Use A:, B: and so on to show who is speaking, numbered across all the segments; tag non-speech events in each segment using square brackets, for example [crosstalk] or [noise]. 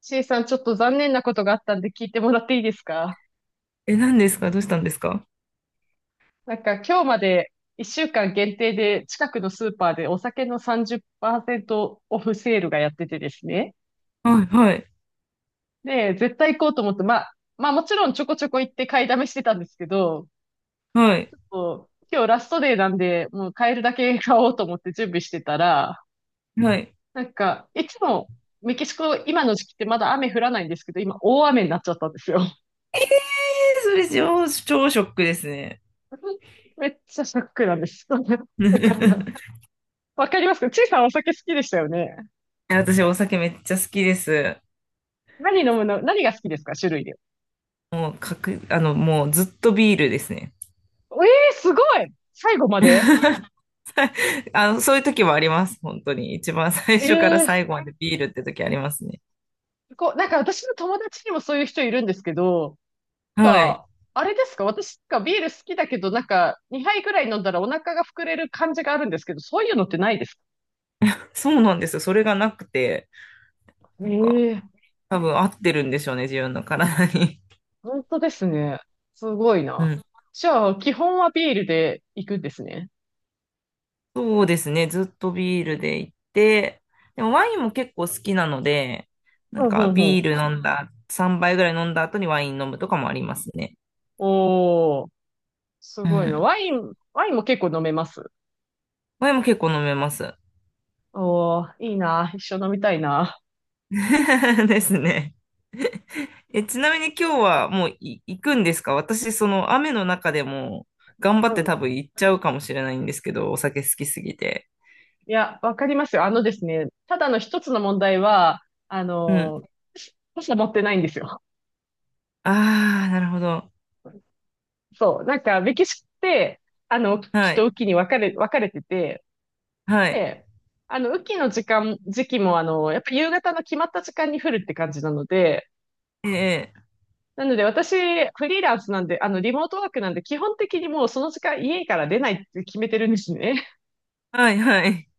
A: C さん、ちょっと残念なことがあったんで聞いてもらっていいですか？
B: え、何ですか？どうしたんですか？
A: なんか今日まで1週間限定で近くのスーパーでお酒の30%オフセールがやっててですね。
B: はい、はい、
A: で、絶対行こうと思って、まあ、もちろんちょこちょこ行って買いだめしてたんですけど、
B: は
A: ち
B: い、
A: ょっと今日ラストデーなんで、もう買えるだけ買おうと思って準備してたら、
B: はい。
A: なんかいつもメキシコ今の時期ってまだ雨降らないんですけど、今大雨になっちゃったんですよ。
B: えー、それ超ショックですね。
A: [laughs] めっちゃショックなんです。[laughs] だから、[laughs]
B: [laughs]
A: わかりますか？ちいさんお酒好きでしたよね。
B: え、私、お酒めっちゃ好きです。
A: 何飲むの？何が好きですか、種類で。
B: もう、かく、あの、もうずっとビールですね。
A: えすごい最後まで。
B: [laughs] あの、そういう時もあります。本当に。一番最初から
A: ええ
B: 最後までビールって時ありますね。
A: ー、こう、なんか私の友達にもそういう人いるんですけど、なん
B: はい。
A: か、あれですか、私がビール好きだけど、なんか、2杯ぐらい飲んだらお腹が膨れる感じがあるんですけど、そういうのってないですか？
B: そうなんですよ。それがなくて、
A: え
B: なんか、
A: えー、
B: 多分合ってるんでしょうね、自分の体に。
A: 本当ですね。すごい
B: う
A: な。
B: ん。
A: じゃあ、基本はビールで行くんですね。
B: そうですね。ずっとビールで行って、でもワインも結構好きなので、
A: う
B: なん
A: んう
B: か
A: んう
B: ビー
A: ん。
B: ル飲んだ、3杯ぐらい飲んだ後にワイン飲むとかもありますね。
A: おー、す
B: う
A: ごいな。
B: ん。
A: ワイン、ワインも結構飲めます？
B: ワインも結構飲めます。
A: おー、いいな。一緒飲みたいな。
B: [laughs] ですね。え、ちなみに今日はもう行くんですか？私、その雨の中でも頑張っ
A: う
B: て
A: ん。
B: 多分行っちゃうかもしれないんですけど、お酒好きすぎて。
A: いや、わかりますよ。あのですね、ただの一つの問題は、あ
B: うん。
A: の、傘持ってないんですよ。
B: ああ、なるほど。
A: そう。なんか、メキシコって、雨
B: は
A: 季と
B: い。
A: 雨季に分かれ、分かれてて、
B: はい。
A: で、雨季の時期も、やっぱ夕方の決まった時間に降るって感じなので、
B: ええ。
A: なので私、フリーランスなんで、リモートワークなんで、基本的にもうその時間家から出ないって決めてるんですね。
B: はい、はい。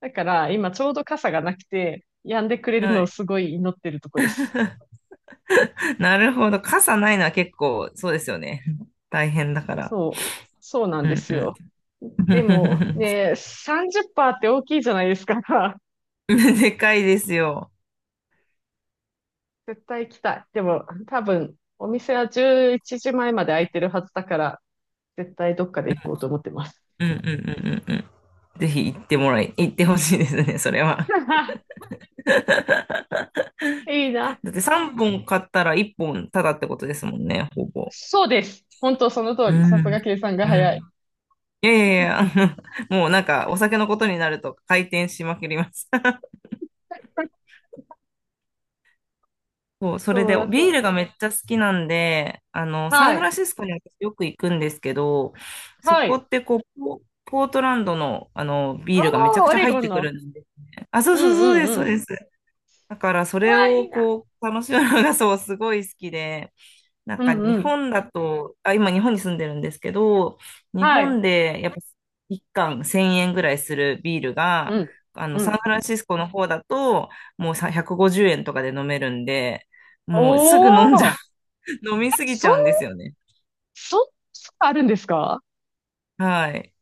A: だから、今ちょうど傘がなくて、止んでくれる
B: は
A: のを
B: い。
A: すごい祈ってるとこです。
B: [laughs] [laughs] なるほど。傘ないのは結構、そうですよね。[laughs] 大変だから。
A: そう。そうなん
B: う
A: で
B: ん
A: す
B: う
A: よ。
B: ん。
A: でも、
B: [laughs]
A: ね、30%っパーセントって大きいじゃないですか。[laughs]
B: でかいですよ。
A: 絶対行きたい。でも、多分、お店は11時前まで開いてるはずだから、絶対どっかで行こうと思ってます。
B: うんうんうんうんうん。ぜひ行ってもらい、行ってほしいですね、それは。
A: [laughs] いいな。
B: だって3本買ったら1本ただってことですもんね、ほぼ。
A: そうです。本当その通
B: う
A: り。さすが
B: ん。
A: 計算が
B: う
A: 早い。
B: ん。いやいやいや、[laughs] もうなんかお酒のことになると回転しまくります。そう、それ
A: そう
B: で
A: だっ
B: ビー
A: た。
B: ルがめっちゃ好きなんで、あの、サ
A: は
B: ンフラ
A: い。
B: ンシスコに私よく行くんですけど、そ
A: は
B: こ
A: い。
B: ってこう、ポートランドの、あの、ビールがめち
A: お
B: ゃ
A: ー、
B: く
A: オ
B: ちゃ
A: レ
B: 入
A: ゴ
B: っ
A: ン
B: てく
A: の。
B: るんですね。あ、そう
A: う
B: そう
A: んう
B: そう
A: ん
B: です、
A: う
B: そう
A: ん。
B: です。だからそ
A: う
B: れ
A: わ、い
B: を
A: いな。
B: こう、楽しむのがそう、すごい好きで、なん
A: う
B: か
A: ん
B: 日
A: うん。
B: 本だと、あ、今日本に住んでるんですけど、日
A: はい。
B: 本でやっぱ1缶1000円ぐらいするビール
A: う
B: が、
A: ん。
B: あの、
A: う
B: サン
A: ん。
B: フランシスコの方だと、もうさ150円とかで飲めるんで、もうす
A: お
B: ぐ飲んじゃ
A: ー、
B: う、
A: え
B: [laughs] 飲みすぎち
A: そん、
B: ゃうんですよね。
A: そん、あるんですか？
B: はい。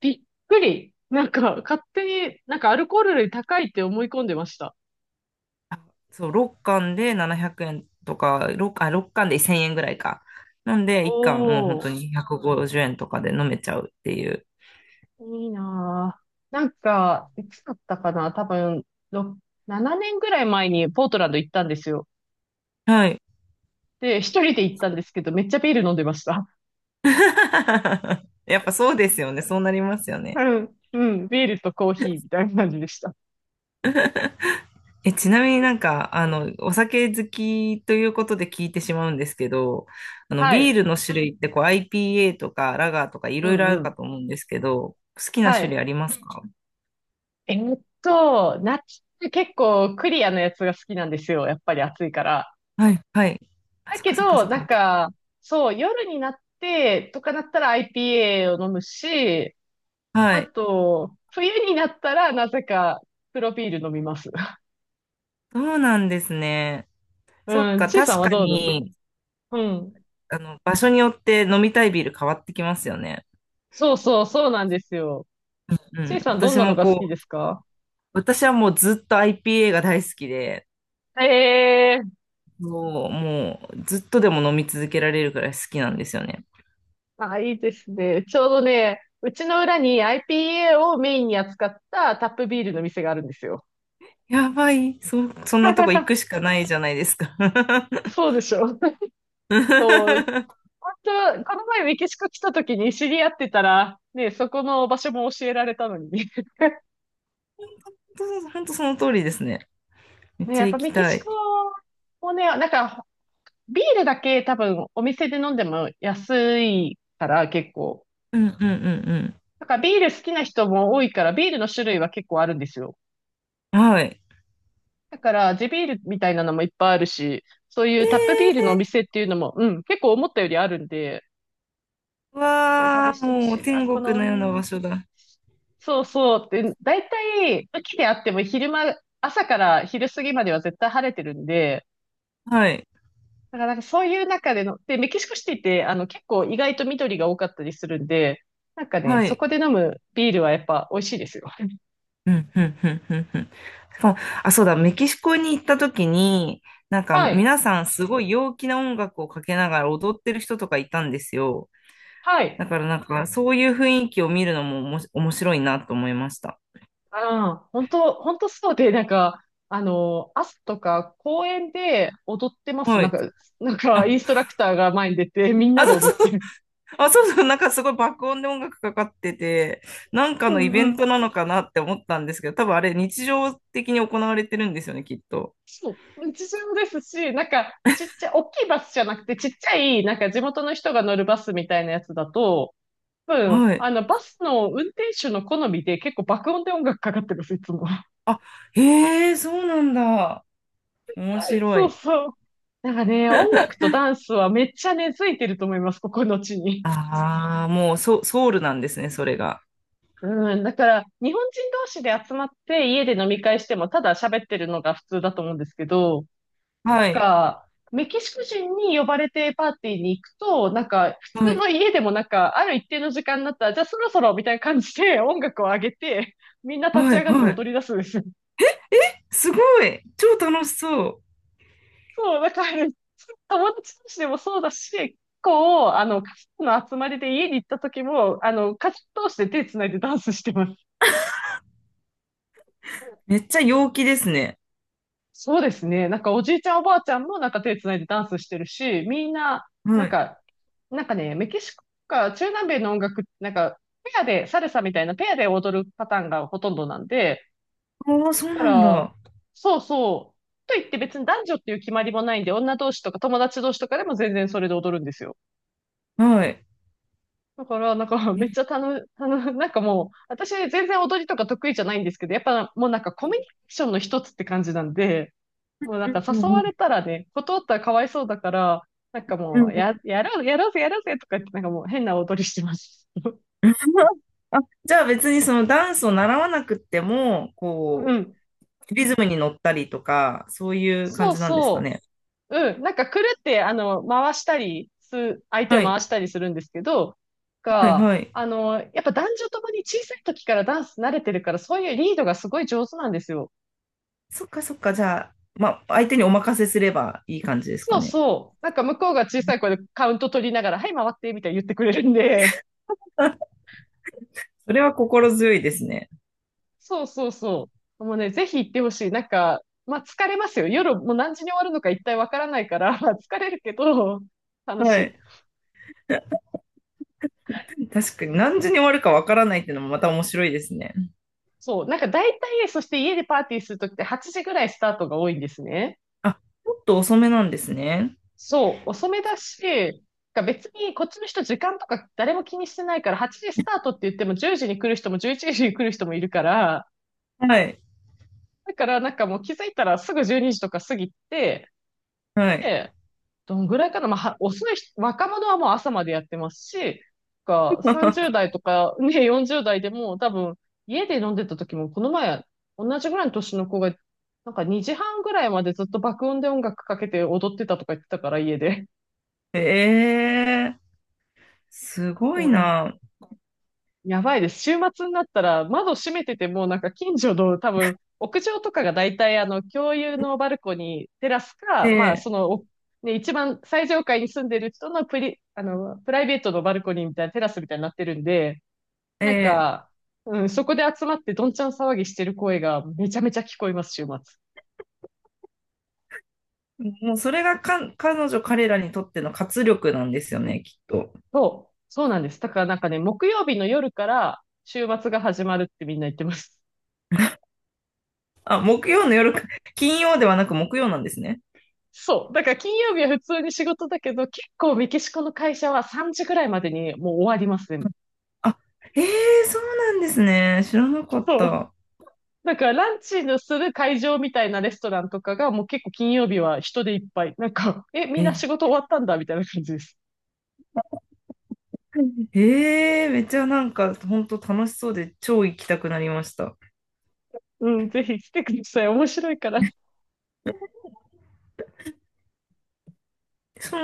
A: びっくり。なんか、勝手に、なんかアルコール類高いって思い込んでました。
B: そう、6缶で1000円ぐらいか。なんで、1缶もう本
A: お
B: 当
A: ー、
B: に150円とかで飲めちゃうっていう。
A: いいなぁ。なんか、いつだったかな多分、ろ7年ぐらい前にポートランド行ったんですよ。
B: はい。
A: で、一人で行ったんですけど、めっちゃビール飲んでました。
B: [laughs] やっぱそうですよね。そうなりますよね。
A: うん、うん、ビールとコーヒーみたいな感じでした。
B: え、ちなみにお酒好きということで聞いてしまうんですけど、あの、
A: は
B: ビー
A: い。
B: ルの種類ってこう IPA とかラガーとかい
A: う
B: ろいろあ
A: ん、
B: る
A: う
B: か
A: ん。
B: と思うんですけど、好きな
A: は
B: 種類
A: い。
B: ありますか？
A: 夏って結構クリアなやつが好きなんですよ。やっぱり暑いから。
B: はい、はい。あ、
A: だ
B: そっ
A: け
B: かそっかそ
A: ど、
B: っ
A: なん
B: か。
A: か、そう、夜になってとかなったら IPA を飲むし、
B: は
A: あ
B: い。
A: と、冬になったらなぜか黒ビール飲みます。[laughs]
B: そうなんですね。そっ
A: うん、
B: か、
A: ちいさん
B: 確
A: は
B: か
A: どうぞ。
B: に、
A: うん。
B: あの、場所によって飲みたいビール変わってきますよね。
A: そうそう、そうなんですよ。
B: う
A: ち
B: ん。
A: いさんどん
B: 私
A: なの
B: も
A: が好き
B: こ
A: で
B: う、
A: すか？
B: 私はもうずっと IPA が大好きで、
A: ええー、
B: そう、もうずっとでも飲み続けられるくらい好きなんですよね。
A: あ、いいですね。ちょうどね、うちの裏に IPA をメインに扱ったタップビールの店があるんですよ。
B: やばい、そんなとこ行くし
A: [laughs]
B: かないじゃないですか。[laughs]
A: そうでしょ。[laughs] そう。本当は、この前メキシコ来た時に知り合ってたら、ね、そこの場所も教えられたのに。[laughs]
B: 本当その通りですね。めっ
A: ね、
B: ち
A: や
B: ゃ
A: っぱ
B: 行き
A: メキ
B: た
A: シコ
B: い。
A: もね、なんか、ビールだけ多分お店で飲んでも安いから結構。
B: うんうんうん
A: なんからビール好きな人も多いから、ビールの種類は結構あるんですよ。
B: うん。はい。
A: だから、地ビールみたいなのもいっぱいあるし、そういうタップビールの
B: え
A: お店っていうのも、うん、結構思ったよりあるんで、
B: ー、
A: そう、試
B: わ
A: し
B: ー、
A: てほ
B: もう
A: しいな。
B: 天
A: こ
B: 国
A: の
B: のような場
A: ね、
B: 所だ。
A: そうそうって、だいたい雨季であっても昼間、朝から昼過ぎまでは絶対晴れてるんで、
B: はい。
A: だからなんかそういう中での、で、メキシコシティって、結構意外と緑が多かったりするんで、なんかね、
B: は
A: そ
B: い。
A: こで飲むビールはやっぱ美味しいですよ。
B: うん、うん、うん、うん、うん。しかも、あ、そうだ、メキシコに行った時に、なんか
A: はい。
B: 皆さんすごい陽気な音楽をかけながら踊ってる人とかいたんですよ。
A: はい。
B: だからなんか、そういう雰囲気を見るのもおもし面白いなと思いました。
A: ああ、本当本当そうで、なんか、朝とか公園で踊ってます。
B: は
A: なん
B: い。
A: か、なんか、イ
B: あ、
A: ンストラクターが前に出て、みん
B: あ、
A: なで
B: そう
A: 踊っ
B: そ
A: て
B: う。
A: る。
B: あ、そうそう。なんかすごい爆音で音楽かかってて、なんか
A: う
B: のイベ
A: んう
B: ン
A: ん。
B: トなのかなって思ったんですけど、多分あれ日常的に行われてるんですよね、きっと。
A: そう、日常ですし、なんか、ちっちゃい、大きいバスじゃなくて、ちっちゃい、なんか地元の人が乗るバスみたいなやつだと、多分、
B: はい。
A: バスの運転手の好みで結構爆音で音楽かかってるんです、いつも。
B: あ、へえ、そうなんだ。面
A: [laughs]
B: 白
A: そう
B: い。
A: そう。なんかね、音楽とダンスはめっちゃ根付いてると思います、ここの地に。
B: ああ、もうソ、ソウルなんですね、それが。
A: うん、だから、日本人同士で集まって家で飲み会しても、ただ喋ってるのが普通だと思うんですけど、
B: はい。
A: メキシコ人に呼ばれてパーティーに行くと、なんか、普
B: は
A: 通
B: い。
A: の家でもなんか、ある一定の時間になったら、じゃあそろそろみたいな感じで音楽を上げて、みんな立ち
B: はい。
A: 上がって
B: はい。
A: 踊り出すんですよ。
B: すごい。超楽しそう。
A: そう、だから、友達同士でもそうだし、結構、家族の集まりで家に行った時も、家族同士で手つないでダンスしてます。
B: めっちゃ陽気ですね。
A: そうですね。なんかおじいちゃんおばあちゃんもなんか手つないでダンスしてるし、みんな、な
B: は
A: ん
B: い。
A: か、なんかね、メキシコか中南米の音楽、なんか、ペアで、サルサみたいなペアで踊るパターンがほとんどなんで、
B: ああ、そう
A: だか
B: なん
A: ら、
B: だ。
A: そうそう。と言って別に男女っていう決まりもないんで、女同士とか友達同士とかでも全然それで踊るんですよ。
B: はい。
A: だから、なんかめっち
B: ね
A: ゃなんかもう、私全然踊りとか得意じゃないんですけど、やっぱもうなんかコミュニケーションの一つって感じなんで、もうなんか
B: う
A: 誘
B: んう
A: わ
B: ん
A: れたらね、断ったらかわいそうだから、なんか
B: うん
A: もう、
B: うん
A: やろう、やろうぜ、やろうぜとか言って、なんかもう変な踊りしてます。[laughs]
B: [laughs] あ、じゃあ別にそのダンスを習わなくっても、
A: う
B: こ
A: ん。
B: う、リズムに乗ったりとか、そういう感
A: そう
B: じなんですか
A: そ
B: ね。
A: う。うん。なんか、くるって、回したりす、相手を
B: はい。
A: 回したりするんですけど、
B: はい。
A: が、
B: はい。
A: やっぱ男女ともに小さい時からダンス慣れてるから、そういうリードがすごい上手なんですよ。
B: そっかそっか。じゃあ、まあ、相手にお任せすればいい感じですか
A: そう
B: ね。
A: そう。なんか、向こうが小さい声でカウント取りながら、はい、回って、みたいに言ってくれるんで、
B: [laughs] それは心強いですね。
A: そうそうそう。もうね、ぜひ行ってほしい。なんか、まあ疲れますよ。夜もう何時に終わるのか一体わからないから、[laughs] 疲れるけど、楽し
B: は
A: い。
B: い。確かに何時に終わるかわからないっていうのもまた面白いですね。
A: そう。なんか大体、そして家でパーティーするときって8時ぐらいスタートが多いんですね。
B: あ、ちょっと遅めなんですね。
A: そう。遅めだし、なんか別にこっちの人時間とか誰も気にしてないから、8時スタートって言っても10時に来る人も11時に来る人もいるから、
B: はい。
A: だからなんかもう気づいたらすぐ12時とか過ぎて、
B: はい。
A: で、どのぐらいかな、まあ、遅い人、若者はもう朝までやってますし、30
B: [laughs]
A: 代とか、ね、40代でも多分、家で飲んでた時も、この前、同じぐらいの年の子が、なんか2時半ぐらいまでずっと爆音で音楽かけて踊ってたとか言ってたから、家で。
B: ええー、すごい
A: [laughs]
B: な。
A: やばいです。週末になったら窓閉めてても、なんか近所の多分、屋上とかが大体共有のバルコニー、テラスか、まあ
B: ええ
A: その、ね、一番最上階に住んでる人のプライベートのバルコニーみたいなテラスみたいになってるんで、なん
B: ええ、
A: か、うん、そこで集まってどんちゃん騒ぎしてる声がめちゃめちゃ聞こえます、週末。
B: もうそれが彼女彼らにとっての活力なんですよね、きっと。
A: そう、そうなんです。だからなんかね、木曜日の夜から週末が始まるってみんな言ってます。
B: あ、木曜の夜か、[laughs] 金曜ではなく木曜なんですね。
A: そう。だから金曜日は普通に仕事だけど、結構メキシコの会社は3時ぐらいまでにもう終わりますね。
B: あ、ええー、そうなんですね。知らなかっ
A: そう。
B: た。
A: だからランチのする会場みたいなレストランとかがもう結構金曜日は人でいっぱい。なんか、え、みんな
B: え、
A: 仕事終わったんだみたいな感じです。
B: めっちゃ本当楽しそうで超行きたくなりました。
A: うん、ぜひ来てください。面白いから。